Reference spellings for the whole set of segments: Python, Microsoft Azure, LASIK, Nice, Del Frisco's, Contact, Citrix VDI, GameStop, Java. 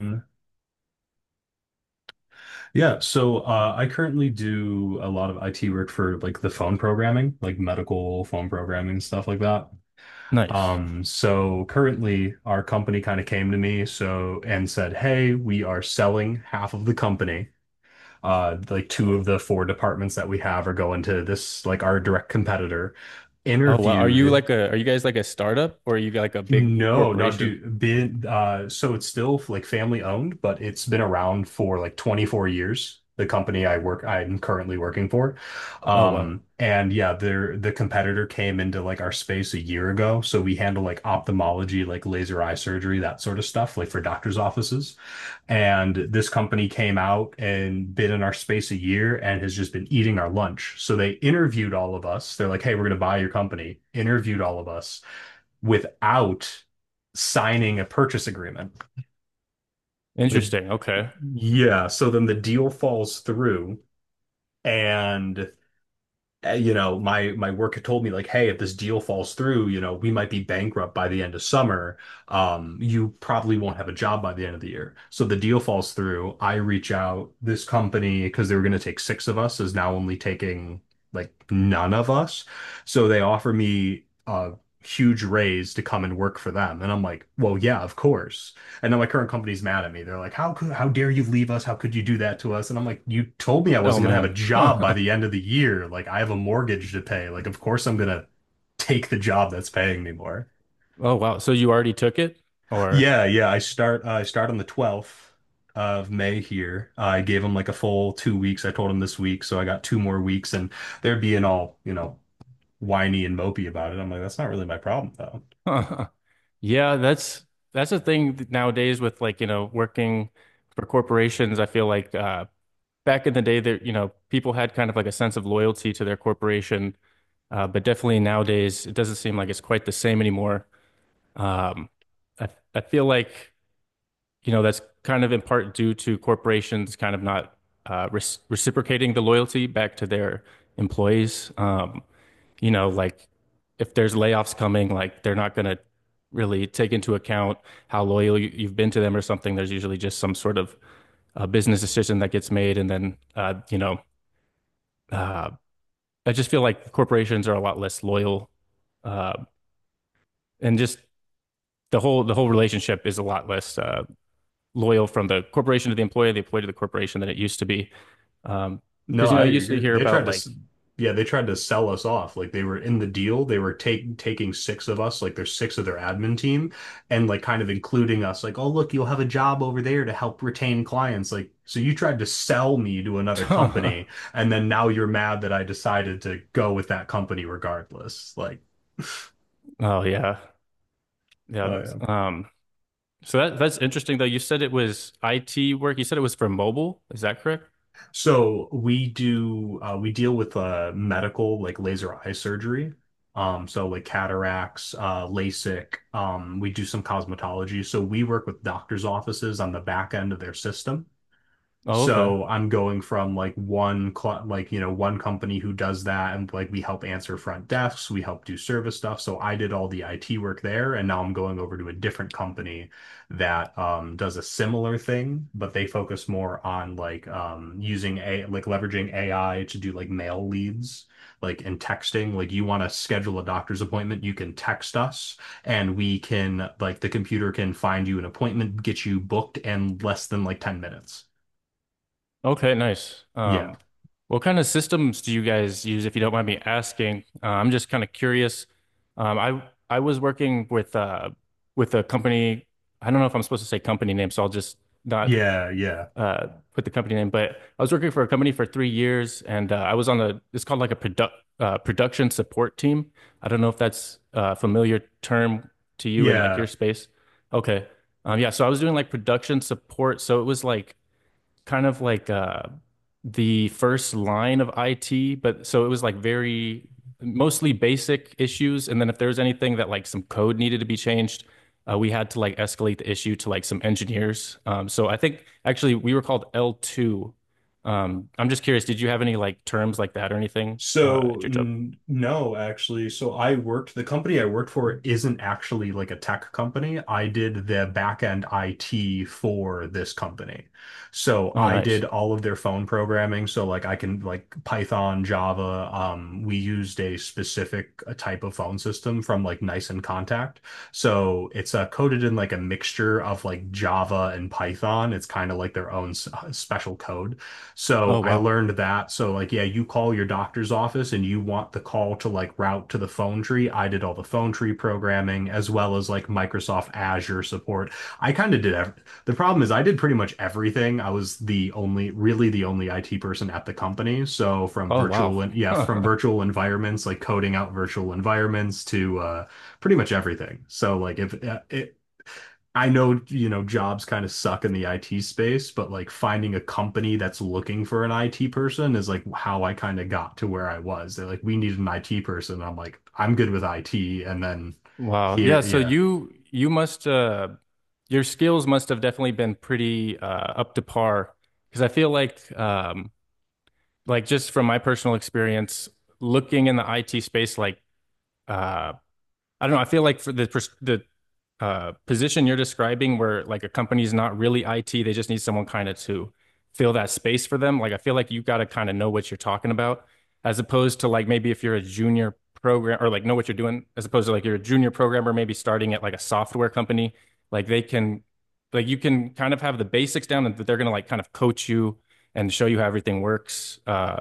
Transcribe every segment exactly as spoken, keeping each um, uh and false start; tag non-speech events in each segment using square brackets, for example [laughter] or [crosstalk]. Mm. Yeah, so uh, I currently do a lot of I T work for like the phone programming, like medical phone programming, stuff like that. Nice. Um, so currently our company kind of came to me so and said, "Hey, we are selling half of the company. Uh, like two of the four departments that we have are going to this like our direct competitor." Oh wow. Are you Interviewed. like a are you guys like a startup or are you like a big No, no, corporation? dude. Been uh, so it's still like family owned, but it's been around for like twenty-four years. The company I work, I'm currently working for, Oh wow. um, and yeah, their the competitor came into like our space a year ago. So we handle like ophthalmology, like laser eye surgery, that sort of stuff, like for doctors' offices. And this company came out and been in our space a year and has just been eating our lunch. So they interviewed all of us. They're like, "Hey, we're going to buy your company." Interviewed all of us without signing a purchase agreement. The Interesting. Okay. yeah, so then the deal falls through and uh, you know, my my work had told me like, hey, if this deal falls through, you know, we might be bankrupt by the end of summer. Um, you probably won't have a job by the end of the year. So the deal falls through. I reach out. This company, because they were going to take six of us, is now only taking like none of us. So they offer me a huge raise to come and work for them, and I'm like, well, yeah, of course. And then my current company's mad at me. They're like, "How could, how dare you leave us? How could you do that to us?" And I'm like, "You told me I Oh wasn't gonna have man. a job by the [laughs] end of the year. Like, I have a mortgage to pay. Like, of course I'm gonna take the job that's paying me more." Oh wow. So you already took it or Yeah, yeah. I start uh, I start on the twelfth of May here. I gave them like a full two weeks. I told them this week, so I got two more weeks, and they're being all, you know, whiny and mopey about it. I'm like, that's not really my problem, though. [laughs] Yeah, that's that's a thing th- nowadays with, like, you know, working for corporations. I feel like uh back in the day there, you know, people had kind of like a sense of loyalty to their corporation. Uh, but definitely nowadays it doesn't seem like it's quite the same anymore. Um I I feel like, you know, that's kind of in part due to corporations kind of not uh, res reciprocating the loyalty back to their employees. Um, you know, like if there's layoffs coming, like they're not going to really take into account how loyal you- you've been to them or something. There's usually just some sort of uh, business decision that gets made, and then uh, you know, uh, I just feel like corporations are a lot less loyal, uh, and just the whole the whole relationship is a lot less Uh, loyal from the corporation to the employee, the employee to the corporation than it used to be. Um, No, because, you I know, you used to agree. hear They tried about to, like, s- Yeah, they tried to sell us off. Like they were in the deal. They were take, taking six of us, like there's six of their admin team, and like kind of including us. Like, oh, look, you'll have a job over there to help retain clients. Like, so you tried to sell me to another [laughs] oh company, and then now you're mad that I decided to go with that company regardless. Like, [laughs] yeah, yeah. oh. Um, so that that's interesting though. You said it was I T work. You said it was for mobile. Is that correct? So we do uh, we deal with uh, medical like laser eye surgery. Um, so like cataracts, uh, LASIK. Um, we do some cosmetology. So we work with doctors' offices on the back end of their system. Oh, okay. So I'm going from like one cl like you know one company who does that and like we help answer front desks, we help do service stuff. So I did all the I T work there, and now I'm going over to a different company that um, does a similar thing, but they focus more on like um, using a like leveraging A I to do like mail leads, like in texting. Like you want to schedule a doctor's appointment, you can text us and we can like the computer can find you an appointment, get you booked in less than like ten minutes. Okay, nice. Yeah. Um, what kind of systems do you guys use, if you don't mind me asking? Uh, I'm just kind of curious. Um, I I was working with uh with a company. I don't know if I'm supposed to say company name, so I'll just not. Yeah, yeah, uh, Put the company name, but I was working for a company for three years, and uh, I was on a it's called like a product uh, production support team. I don't know if that's a familiar term to you in like yeah. your space. Okay, um, yeah. So I was doing like production support, so it was like kind of like uh the first line of I T, but so it was like very mostly basic issues. And then if there was anything that like some code needed to be changed, uh, we had to like escalate the issue to like some engineers. Um, so I think actually we were called L two. Um, I'm just curious, did you have any like terms like that or anything uh, So at your job? n no, actually. So I worked, the company I worked for isn't actually like a tech company. I did the back end I T for this company. So Oh, I nice. did all of their phone programming. So like I can like Python, Java. Um, we used a specific uh, type of phone system from like Nice and Contact. So it's uh, coded in like a mixture of like Java and Python. It's kind of like their own s- uh, special code. So Oh, I wow. learned that. So like, yeah, you call your doctor's office and you want the call to like route to the phone tree. I did all the phone tree programming as well as like Microsoft Azure support. I kind of did ev The problem is I did pretty much everything. I was the only, really the only I T person at the company. So from Oh, virtual wow. and Yeah, from [laughs] virtual environments, like coding out virtual environments to uh pretty much everything. So like if uh, it, I know, you know, jobs kind of suck in the I T space, but like finding a company that's looking for an I T person is like how I kind of got to where I was. They're like, we need an I T person. I'm like, I'm good with I T. And then Wow. Yeah, here, so yeah. you you must uh your skills must have definitely been pretty uh up to par, because I feel like um like just from my personal experience looking in the I T space like uh I don't know, I feel like for the pers- the uh, position you're describing where like a company's not really I T, they just need someone kind of to fill that space for them. Like I feel like you got to kind of know what you're talking about, as opposed to like maybe if you're a junior program or like know what you're doing, as opposed to like you're a junior programmer maybe starting at like a software company, like they can like you can kind of have the basics down and they're going to like kind of coach you and show you how everything works. Uh,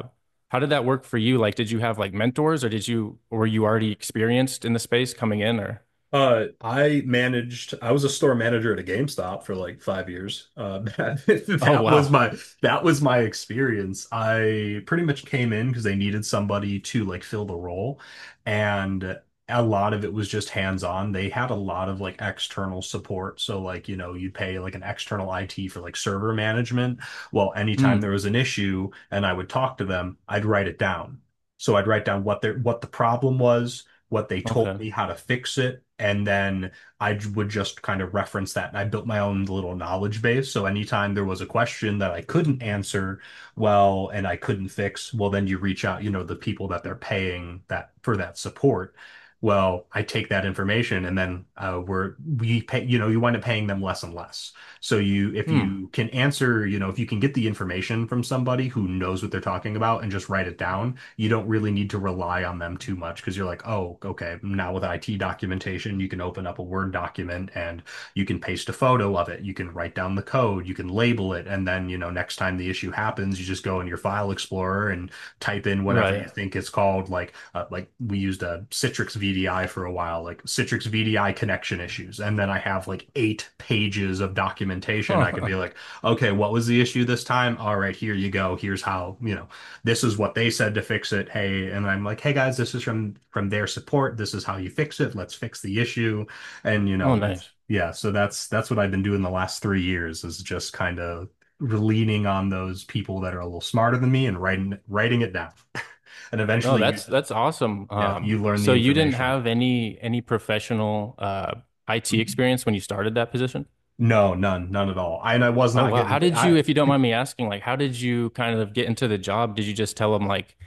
How did that work for you? Like, did you have like mentors or did you, or were you already experienced in the space coming in or? Uh, I managed, I was a store manager at a GameStop for like five years. Uh, [laughs] that, Oh, that was wow. my that was my experience. I pretty much came in because they needed somebody to like fill the role, and a lot of it was just hands-on. They had a lot of like external support. So like, you know, you pay like an external I T for like server management. Well, anytime Hmm. there was an issue and I would talk to them, I'd write it down. So I'd write down what their what the problem was, what they told Okay. me, how to fix it. And then I would just kind of reference that. And I built my own little knowledge base. So anytime there was a question that I couldn't answer well and I couldn't fix, well, then you reach out, you know, the people that they're paying that for that support. Well, I take that information and then uh, we're, we pay, you know, you wind up paying them less and less. So you, if Hmm. you can answer, you know, if you can get the information from somebody who knows what they're talking about and just write it down, you don't really need to rely on them too much because you're like, oh, okay, now with I T documentation, you can open up a Word document and you can paste a photo of it. You can write down the code, you can label it. And then, you know, next time the issue happens, you just go in your file explorer and type in whatever Right. you think [laughs] it's called. Like, uh, like we used a Citrix V D I for a while, like Citrix V D I connection issues. And then I have like eight pages of documentation. I can Huh. be like, okay, what was the issue this time? All right, here you go. Here's how, you know, this is what they said to fix it. Hey, and I'm like, hey guys, this is from from their support. This is how you fix it. Let's fix the issue. And you Oh, know, it's nice. yeah. So that's that's what I've been doing the last three years is just kind of leaning on those people that are a little smarter than me and writing writing it down. [laughs] and Oh, eventually, you that's that's awesome. Yeah, Um, you learn So the you didn't information. have any any professional uh I T experience when you started that position? No, none, none at all. I, and I was Oh, not wow. How getting. did you, I if you don't mind me asking, like how did you kind of get into the job? Did you just tell them like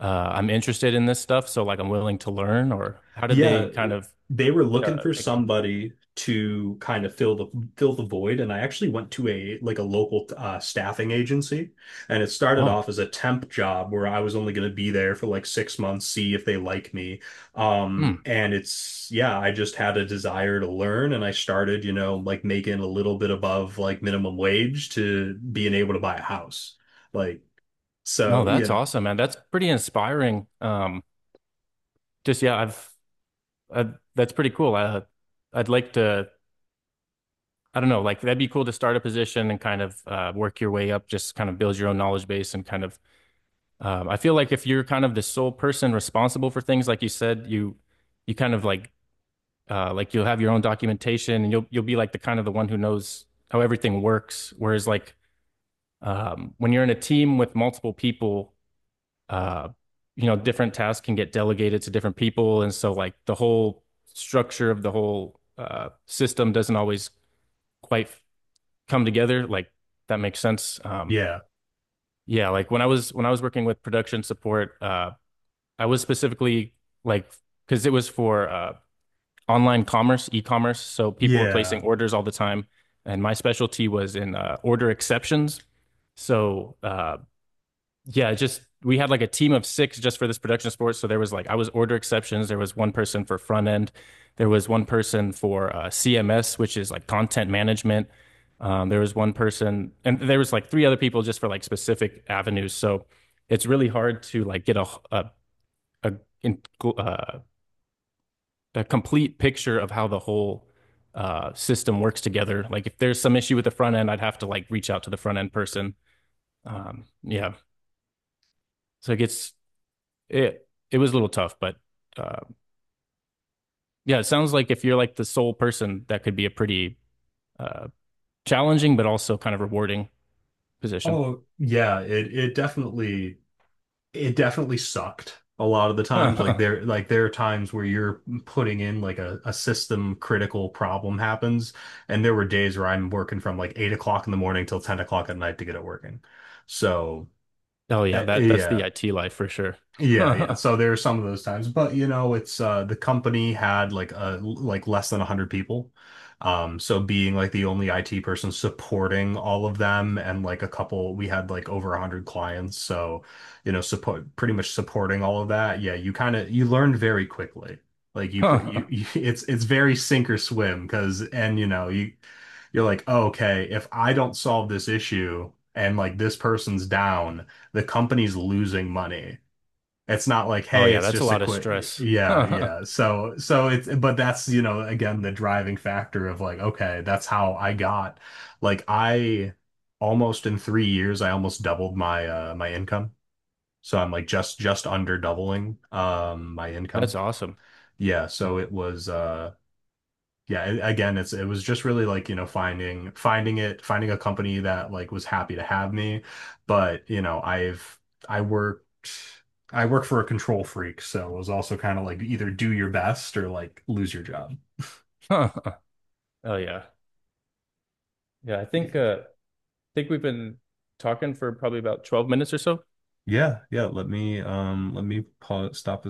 uh I'm interested in this stuff, so like I'm willing to learn, or how did they Yeah, kind of they were looking uh for pick you? somebody to kind of fill the fill the void, and I actually went to a like a local uh, staffing agency, and it started off Oh, as a temp job where I was only going to be there for like six months, see if they like me. Um, hmm. and it's Yeah, I just had a desire to learn, and I started, you know, like making a little bit above like minimum wage to being able to buy a house, like No, so, you that's know, awesome, man. That's pretty inspiring. Um, just yeah, I've, I've that's pretty cool. I I'd like to I don't know, like that'd be cool to start a position and kind of uh, work your way up, just kind of build your own knowledge base and kind of. Um, I feel like if you're kind of the sole person responsible for things, like you said, you you kind of like, uh, like you'll have your own documentation and you'll you'll be like the kind of the one who knows how everything works. Whereas like, um, when you're in a team with multiple people, uh, you know, different tasks can get delegated to different people, and so like the whole structure of the whole uh, system doesn't always quite come together, like that makes sense. Um, yeah, Yeah, like when I was when I was working with production support, uh, I was specifically like because it was for uh, online commerce, e-commerce, so people were yeah. placing orders all the time, and my specialty was in uh, order exceptions. So uh, yeah, just we had like a team of six just for this production of sports. So there was like I was order exceptions. There was one person for front end. There was one person for uh, C M S, which is like content management. Um, there was one person, and there was like three other people just for like specific avenues. So it's really hard to like get a a a, uh, a complete picture of how the whole uh, system works together. Like if there's some issue with the front end, I'd have to like reach out to the front end person. Um, yeah, so it gets it it was a little tough, but uh, yeah, it sounds like if you're like the sole person, that could be a pretty uh, challenging but also kind of rewarding position. Oh, yeah, it it definitely. It definitely sucked a lot of the [laughs] times. Like oh there, Like there are times where you're putting in like a, a system critical problem happens, and there were days where I'm working from like eight o'clock in the morning till ten o'clock at night to get it working. So yeah, uh, that that's the yeah, I T life for sure. [laughs] yeah, yeah. Oh So there are some of those times, but you know, it's uh the company had like uh like less than one hundred people. Um so being like the only I T person supporting all of them and like a couple we had like over one hundred clients. So, you know, support pretty much supporting all of that. Yeah, you kind of you learned very quickly. Like you, pr- you, you [laughs] it's it's very sink or swim because and you know, you you're like, oh, okay, if I don't solve this issue and like this person's down, the company's losing money. It's not like, hey, yeah, it's that's a just a lot of quick, stress. [laughs] yeah, That's yeah. So, so it's, but that's, you know, again, the driving factor of like, okay, that's how I got, like, I almost in three years, I almost doubled my, uh, my income. So I'm like just, just under doubling, um, my income. awesome. Yeah. So Yeah. it was, uh, yeah, a- again it's it was just really like you know finding finding it finding a company that like was happy to have me but you know I've I worked I work for a control freak so it was also kind of like either do your best or like lose your job. [laughs] Oh yeah, yeah. I think uh, I think we've been talking for probably about twelve minutes or so. Yeah, yeah. Let me um let me pause, stop this.